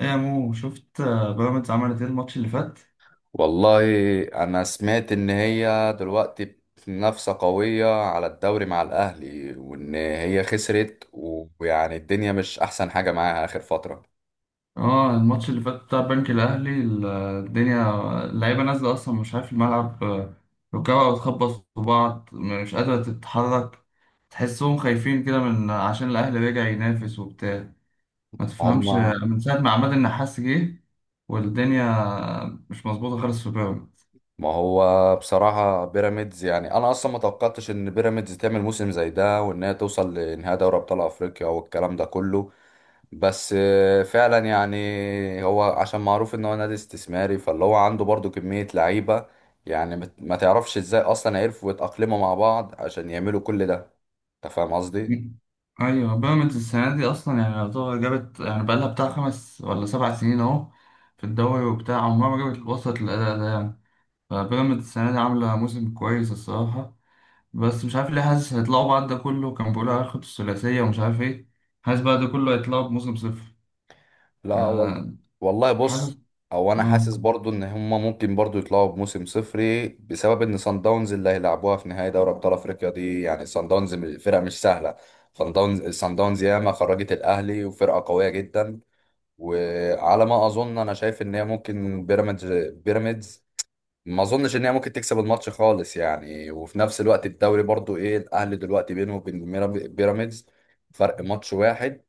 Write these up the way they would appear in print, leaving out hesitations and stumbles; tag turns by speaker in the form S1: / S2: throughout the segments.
S1: ايه يا مو شفت، بيراميدز عملت ايه الماتش اللي فات؟
S2: والله انا سمعت ان هي دلوقتي في منافسة قوية على الدوري مع الاهلي وان هي خسرت و- ويعني الدنيا مش احسن حاجة معاها اخر فترة.
S1: اه، الماتش اللي فات بتاع البنك الاهلي الدنيا. اللعيبه نازله اصلا مش عارف الملعب، ركبها بتخبط في بعض، مش قادره تتحرك. تحسهم خايفين كده من عشان الاهلي رجع ينافس وبتاع. ما تفهمش،
S2: هما
S1: من ساعه ما عماد النحاس جه والدنيا مش مظبوطه خالص في بيراميدز.
S2: ما هو بصراحة بيراميدز، يعني انا اصلا ما توقعتش ان بيراميدز تعمل موسم زي ده وان هي توصل لنهائي دوري ابطال افريقيا والكلام ده كله. بس فعلا يعني هو عشان معروف ان هو نادي استثماري، فاللي هو عنده برضو كمية لعيبة، يعني ما تعرفش ازاي اصلا عرفوا يتأقلموا مع بعض عشان يعملوا كل ده. انت فاهم قصدي؟
S1: ايوه، بيراميدز السنه دي اصلا يعني يعتبر جابت، يعني بقالها بتاع 5 ولا 7 سنين اهو في الدوري وبتاع، عمرها ما جابت وصلت للاداء ده يعني. فبيراميدز السنه دي عامله موسم كويس الصراحه. بس مش عارف ليه، حاسس هيطلعوا بعد ده كله، كان بيقولوا هياخدوا الثلاثيه ومش عارف ايه. حاسس بعد ده كله هيطلعوا بموسم صفر.
S2: لا وال-
S1: آه.
S2: والله
S1: حاسس.
S2: بص، او انا
S1: اه.
S2: حاسس برضو ان هما ممكن برضو يطلعوا بموسم صفري بسبب ان صن داونز اللي هيلعبوها في نهائي دوري ابطال افريقيا دي، يعني صن داونز فرقة مش سهلة. صن داونز ياما خرجت الاهلي وفرقة قوية جدا. وعلى ما اظن انا شايف ان هي ممكن بيراميدز ما اظنش ان هي ممكن تكسب الماتش خالص يعني. وفي نفس الوقت الدوري برضو ايه، الاهلي دلوقتي بينه وبين بيراميدز فرق ماتش واحد.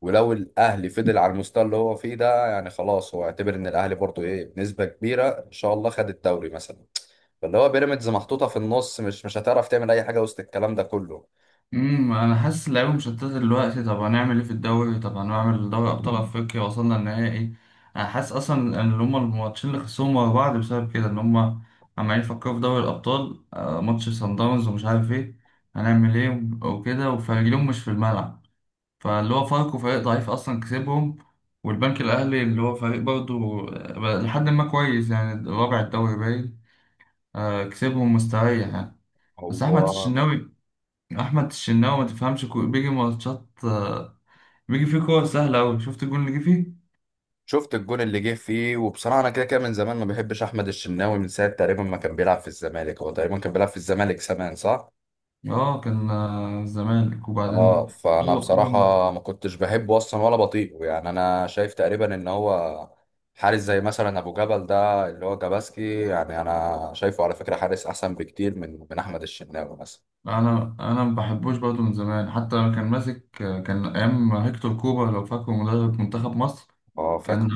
S2: ولو الاهلي فضل على المستوى اللي هو فيه ده يعني خلاص هو اعتبر ان الاهلي برضو ايه، بنسبة كبيرة ان شاء الله خد الدوري مثلا. فاللي هو بيراميدز محطوطة في النص، مش هتعرف تعمل اي حاجة وسط الكلام ده كله.
S1: انا حاسس اللعيبه مشتته دلوقتي. طب هنعمل ايه في الدوري؟ طب هنعمل دوري ابطال افريقيا، وصلنا النهائي. انا حاسس اصلا ان هما الماتشين اللي خسروهم ورا بعض بسبب كده، ان هما عمالين يفكروا في دوري الابطال، ماتش سان داونز ومش عارف ايه، هنعمل ايه وكده، وفريقهم مش في الملعب. فاللي هو فاركو فريق ضعيف اصلا كسبهم. والبنك الاهلي اللي هو فريق برضه لحد ما كويس، يعني رابع الدوري باين، كسبهم مستريح يعني. بس احمد
S2: هو
S1: الشناوي احمد الشناوي ما تفهمش، بيجي ماتشات، بيجي فيه كور سهله قوي. شفت الجون اللي جه فيه.
S2: شفت الجون اللي جه فيه، وبصراحه انا كده كده من زمان ما بحبش احمد الشناوي، من ساعه تقريبا ما كان بيلعب في الزمالك، هو تقريبا كان بيلعب في الزمالك زمان صح.
S1: اه، كان الزمالك
S2: اه
S1: وبعدين.
S2: فانا
S1: هو هو-
S2: بصراحه ما كنتش بحبه اصلا ولا بطيقه يعني، انا شايف تقريبا ان هو حارس زي مثلا ابو جبل ده اللي هو جاباسكي، يعني انا شايفه على فكره حارس احسن بكتير من احمد الشناوي مثلا.
S1: انا ما بحبوش برضه من زمان، حتى لما كان ماسك كان ايام هيكتور كوبا، لو فاكره مدرب منتخب مصر.
S2: اه
S1: كان
S2: فاكر.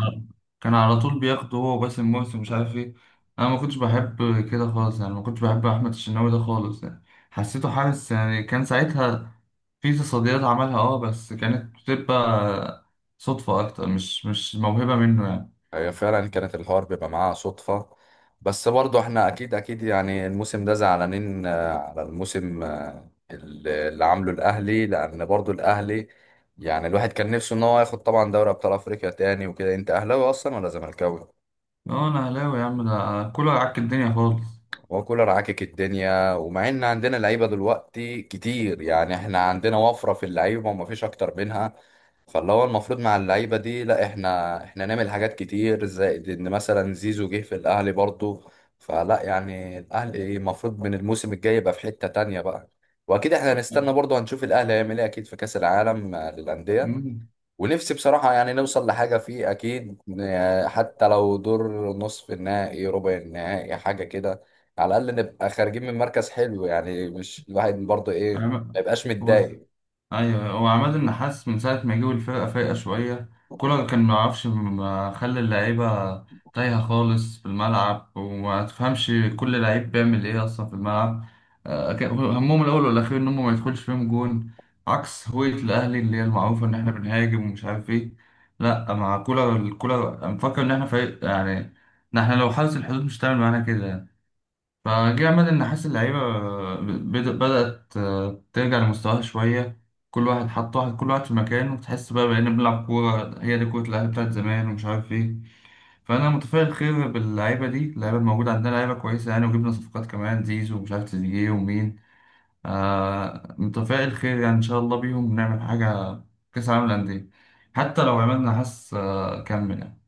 S1: كان على طول بياخده هو وباسم مرسي ومش عارف ايه. انا ما كنتش بحب كده خالص يعني، ما كنتش بحب احمد الشناوي ده خالص يعني. حسيته حارس يعني، كان ساعتها في تصديات عملها اه، بس كانت بتبقى صدفة أكتر، مش موهبة منه يعني.
S2: هي فعلا كانت الحوار بيبقى معاها صدفة، بس برضو احنا اكيد يعني الموسم ده زعلانين على الموسم اللي عامله الاهلي، لان برضو الاهلي يعني الواحد كان نفسه ان هو ياخد طبعا دوري ابطال افريقيا تاني وكده. انت اهلاوي اصلا ولا زملكاوي؟
S1: اه، أنا أهلاوي يا عم، ده كله يعك الدنيا خالص.
S2: وكولر عاكك الدنيا، ومع ان عندنا لعيبه دلوقتي كتير يعني احنا عندنا وفره في اللعيبه وما فيش اكتر منها، فاللي هو المفروض مع اللعيبه دي لا احنا نعمل حاجات كتير، زائد ان مثلا زيزو جه في الاهلي برضه. فلا يعني الاهلي المفروض من الموسم الجاي يبقى في حته تانية بقى. واكيد احنا هنستنى برضه هنشوف الاهلي هيعمل ايه اكيد في كاس العالم للانديه.
S1: مم.
S2: ونفسي بصراحة يعني نوصل لحاجة فيه أكيد حتى لو دور نصف النهائي، ربع النهائي، حاجة كده. على الأقل نبقى خارجين من مركز حلو، يعني مش الواحد برضه إيه،
S1: عم-
S2: ما يبقاش
S1: هو
S2: متضايق.
S1: ايوه، هو عماد النحاس من ساعه ما جه الفرقه فايقه شويه. كولر كان ما يعرفش، ما خلى اللعيبه تايهه خالص في الملعب، وما تفهمش كل لعيب بيعمل ايه اصلا في الملعب. كان همهم الاول والاخير ان هم ما يدخلش فيهم جون، عكس هوية الاهلي اللي هي المعروفه ان احنا بنهاجم ومش عارف ايه. لا، مع الكولر أنا مفكر ان احنا فريق يعني، ان احنا لو حرس الحدود مش هتعمل معانا كده. فجه أمل، إن حاسس اللعيبة بدأت ترجع لمستواها شوية. كل واحد حط واحد، كل واحد في مكانه، وتحس بقى بقينا بنلعب كورة، هي دي كورة الأهلي بتاعت زمان ومش عارف إيه. فأنا متفائل خير باللعيبة دي، اللعيبة الموجودة عندنا لعيبة كويسة يعني، وجبنا صفقات كمان، زيزو ومش عارف تريزيجيه ومين. متفائل خير يعني، إن شاء الله بيهم نعمل حاجة في كأس العالم للأندية. حتى لو عملنا حس، كمل يعني.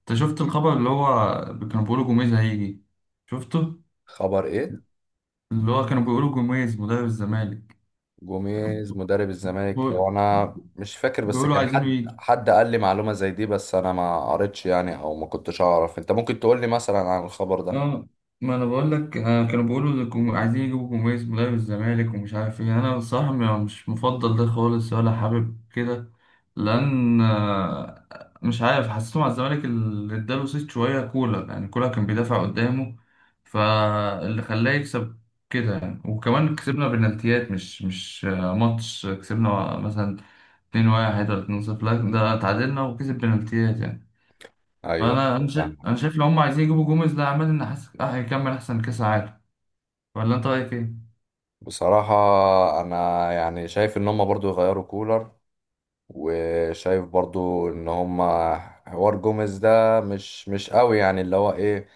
S1: أنت شفت الخبر اللي هو كانوا بيقولوا جوميز هيجي؟ شفته؟
S2: خبر إيه؟
S1: اللي هو كانوا بيقولوا جوميز مدرب الزمالك.
S2: جوميز مدرب الزمالك، هو
S1: بيقول-
S2: أنا مش فاكر، بس
S1: بيقولوا
S2: كان
S1: عايزينه
S2: حد
S1: يجي.
S2: حد قال لي معلومة زي دي، بس أنا ما قريتش يعني أو ما كنتش أعرف. أنت ممكن تقول لي مثلا عن الخبر ده؟
S1: اه، ما انا بقول لك، كانوا بيقولوا إن عايزين يجيبوا جوميز مدرب الزمالك ومش عارف ايه. انا بصراحة مش مفضل ده خالص ولا حابب كده. لان مش عارف، حسيته مع الزمالك اللي اداله صيت شوية كولر، يعني كولر كان بيدافع قدامه. فاللي خلاه يكسب كده يعني، وكمان كسبنا بنالتيات. مش ماتش كسبنا مثلا 2-1 ولا 2-0، لا ده اتعادلنا وكسب بنالتيات يعني.
S2: أيوه،
S1: فانا انا شايف
S2: فاهم.
S1: انا شايف لو هم عايزين يجيبوا جوميز، ده عماد النحاس هيكمل احسن كاس عالم. ولا انت رايك ايه؟
S2: بصراحة أنا يعني شايف إن هما برضو يغيروا كولر، وشايف برضو ان هما حوار جوميز ده مش قوي يعني، اللي هو ايه،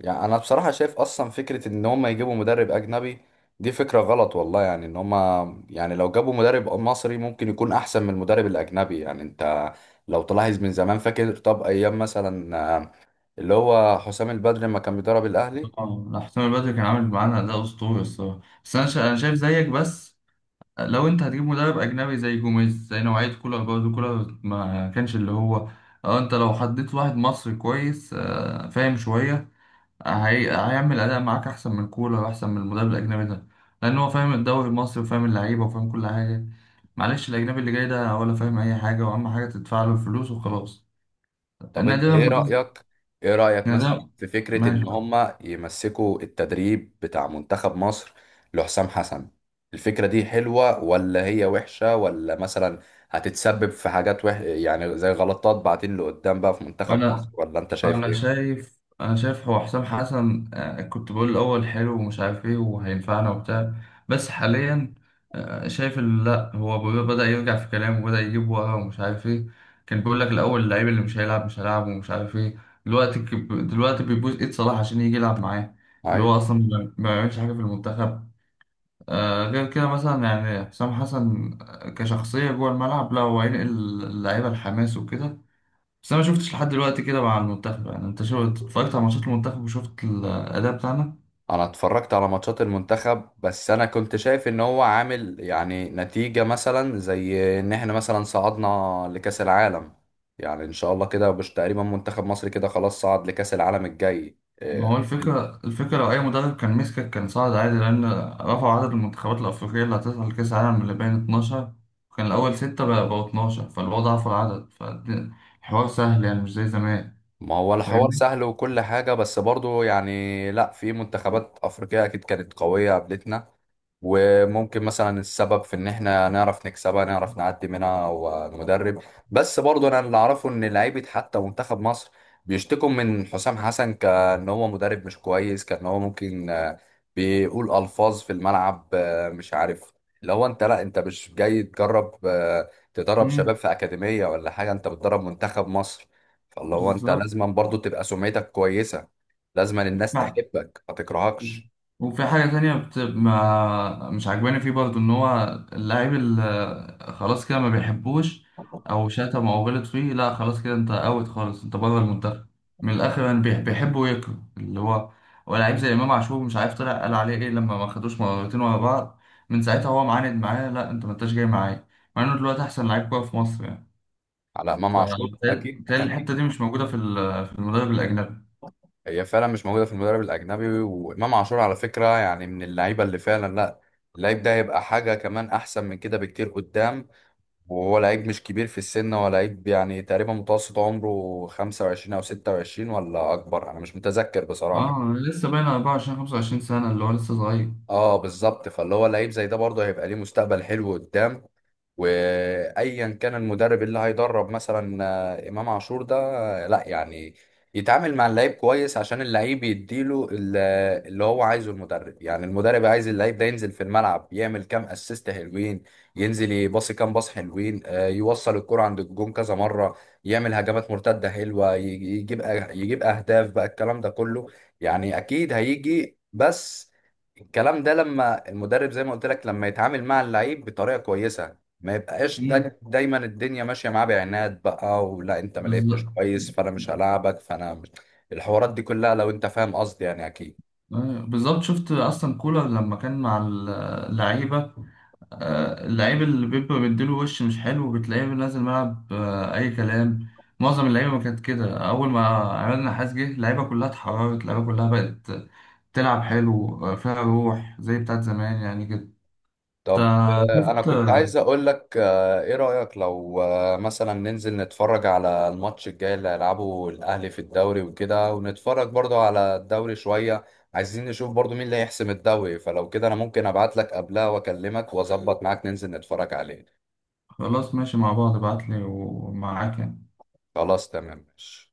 S2: يعني انا بصراحة شايف اصلا فكرة ان هما يجيبوا مدرب اجنبي دي فكرة غلط والله. يعني ان هما يعني لو جابوا مدرب مصري ممكن يكون احسن من المدرب الاجنبي، يعني انت لو تلاحظ من زمان فاكر، طب ايام مثلا اللي هو حسام البدري لما كان بيدرب الاهلي.
S1: اه، لا، حسام البدري كان عامل معانا اداء اسطوري الصراحه. بس انا شايف زيك بس. لو انت هتجيب مدرب اجنبي زي جوميز، زي نوعيه كولر برضه، كولر ما كانش اللي هو. اه، انت لو حطيت واحد مصري كويس، فاهم شويه. هيعمل أداء معاك أحسن من كولر وأحسن من المدرب الأجنبي ده. لأن هو فاهم الدوري المصري وفاهم اللعيبة وفاهم كل حاجة. معلش الأجنبي اللي جاي ده ولا فاهم أي حاجة، وأهم حاجة تدفع له الفلوس وخلاص.
S2: طب
S1: النادي
S2: انت ايه
S1: لما تصدر.
S2: رأيك، ايه رأيك مثلا
S1: النادي،
S2: في فكرة
S1: ماشي.
S2: ان هما يمسكوا التدريب بتاع منتخب مصر لحسام حسن؟ الفكرة دي حلوة ولا هي وحشة، ولا مثلا هتتسبب في حاجات يعني زي غلطات بعدين لقدام بقى في منتخب مصر،
S1: أنا
S2: ولا انت شايف
S1: انا
S2: ايه؟
S1: شايف انا شايف هو حسام حسن، كنت بقول الاول حلو ومش عارف ايه وهينفعنا وبتاع. بس حاليا شايف لا هو بدأ يرجع في كلامه، وبدأ يجيب ورا ومش عارف ايه. كان بيقول لك الاول، اللعيب اللي مش هيلعب مش هيلعب ومش عارف ايه. دلوقتي بيبوظ ايد صلاح عشان يجي يلعب معاه. اللي هو
S2: أيوة.
S1: اصلا ما بيعملش حاجه في المنتخب. غير كده مثلا يعني حسام حسن، كشخصيه جوه الملعب، لا هو هينقل اللعيبه الحماس وكده. بس انا ما شفتش لحد دلوقتي كده مع المنتخب يعني، انت شفت اتفرجت على ماتشات المنتخب وشفت الاداء بتاعنا.
S2: انا اتفرجت على ماتشات المنتخب، بس انا كنت شايف ان هو عامل يعني نتيجة، مثلا زي ان احنا مثلا صعدنا لكأس العالم، يعني ان شاء الله كده مش تقريبا منتخب مصر كده خلاص صعد لكأس العالم الجاي
S1: ما هو
S2: إيه.
S1: الفكره لو اي مدرب كان مسكك كان صعد عادي، لان رفعوا عدد المنتخبات الافريقيه اللي هتصل لكاس العالم اللي بين 12، وكان الاول 6، بقى بقوا 12، فالوضع ضعف العدد، فالحوار سهل يعني مش زي زمان.
S2: ما هو الحوار
S1: فاهمني.
S2: سهل وكل حاجة، بس برضو يعني لا في منتخبات أفريقية أكيد كانت قوية قبلتنا، وممكن مثلا السبب في إن إحنا نعرف نكسبها نعرف نعدي منها هو المدرب. بس برضو أنا اللي أعرفه إن لعيبة حتى منتخب مصر بيشتكوا من حسام حسن، كأن هو مدرب مش كويس، كأن هو ممكن بيقول ألفاظ في الملعب مش عارف. اللي هو أنت لا أنت مش جاي تجرب تدرب
S1: امم.
S2: شباب في أكاديمية ولا حاجة، أنت بتدرب منتخب مصر. فاللي هو انت
S1: بالظبط.
S2: لازما برضو تبقى سمعتك كويسه، لازما الناس تحبك ما تكرهكش.
S1: وفي حاجة تانية بت... ما مش عجباني فيه برضه، إن هو اللاعب اللي خلاص كده ما بيحبوش، أو شتم أو غلط فيه، لا خلاص كده، أنت أوت خالص، أنت بره المنتخب. من الآخر يعني بيحب ويكره، اللي هو لعيب زي إمام عاشور، مش عارف طلع قال عليه إيه لما ما خدوش مرتين ورا بعض. من ساعتها هو معاند معايا، لا أنت ما أنتش جاي معايا، مع إنه دلوقتي أحسن لعيب كورة في مصر يعني.
S2: على امام عاشور، اكيد
S1: فبالتالي الحتة
S2: اكيد
S1: دي مش موجودة في في المدرب الأجنبي.
S2: هي فعلا مش موجوده في المدرب الاجنبي. وامام عاشور على فكره يعني من اللعيبه اللي فعلا لا، اللعيب ده هيبقى حاجه كمان احسن من كده بكتير قدام. وهو لعيب مش كبير في السن، هو لعيب يعني تقريبا متوسط عمره 25 او 26 ولا اكبر، انا مش متذكر بصراحه.
S1: اه، لسه باين 24 25 سنة، اللي هو لسه صغير.
S2: اه بالظبط، فاللي هو لعيب زي ده برضه هيبقى ليه مستقبل حلو قدام. وايا كان المدرب اللي هيدرب مثلا امام عاشور ده لا يعني يتعامل مع اللعيب كويس عشان اللعيب يديله اللي هو عايزه المدرب. يعني المدرب عايز اللعيب ده ينزل في الملعب، يعمل كام اسيست حلوين، ينزل يباصي كام باص حلوين يوصل الكرة عند الجون كذا مرة، يعمل هجمات مرتدة حلوة، يجيب اهداف بقى الكلام ده كله. يعني اكيد هيجي، بس الكلام ده لما المدرب زي ما قلت لك لما يتعامل مع اللعيب بطريقة كويسة، ما يبقاش
S1: مم.
S2: دا دايما الدنيا ماشيه معاه بعناد بقى، ولا انت ما لعبتش
S1: بالظبط.
S2: كويس فانا مش هلاعبك، فانا مش... الحوارات دي كلها لو انت فاهم قصدي يعني اكيد.
S1: بالظبط، شفت اصلا كولر لما كان مع اللعيبه، اللعيب اللي بيبقى مديله وش مش حلو، بتلاقيه نازل ملعب اي كلام. معظم اللعيبه ما كانت كده. اول ما عماد النحاس جه، اللعيبه كلها اتحررت، اللعيبه كلها بقت تلعب حلو، فيها روح زي بتاعت زمان يعني كده.
S2: طب
S1: انت
S2: انا
S1: شفت.
S2: كنت عايز اقول لك ايه رايك لو مثلا ننزل نتفرج على الماتش الجاي اللي هيلعبه الاهلي في الدوري وكده، ونتفرج برضو على الدوري شويه، عايزين نشوف برضو مين اللي هيحسم الدوري. فلو كده انا ممكن ابعت لك قبلها واكلمك واظبط معاك ننزل نتفرج عليه.
S1: خلاص ماشي، مع بعض ابعتلي ومعاك يعني.
S2: خلاص تمام ماشي.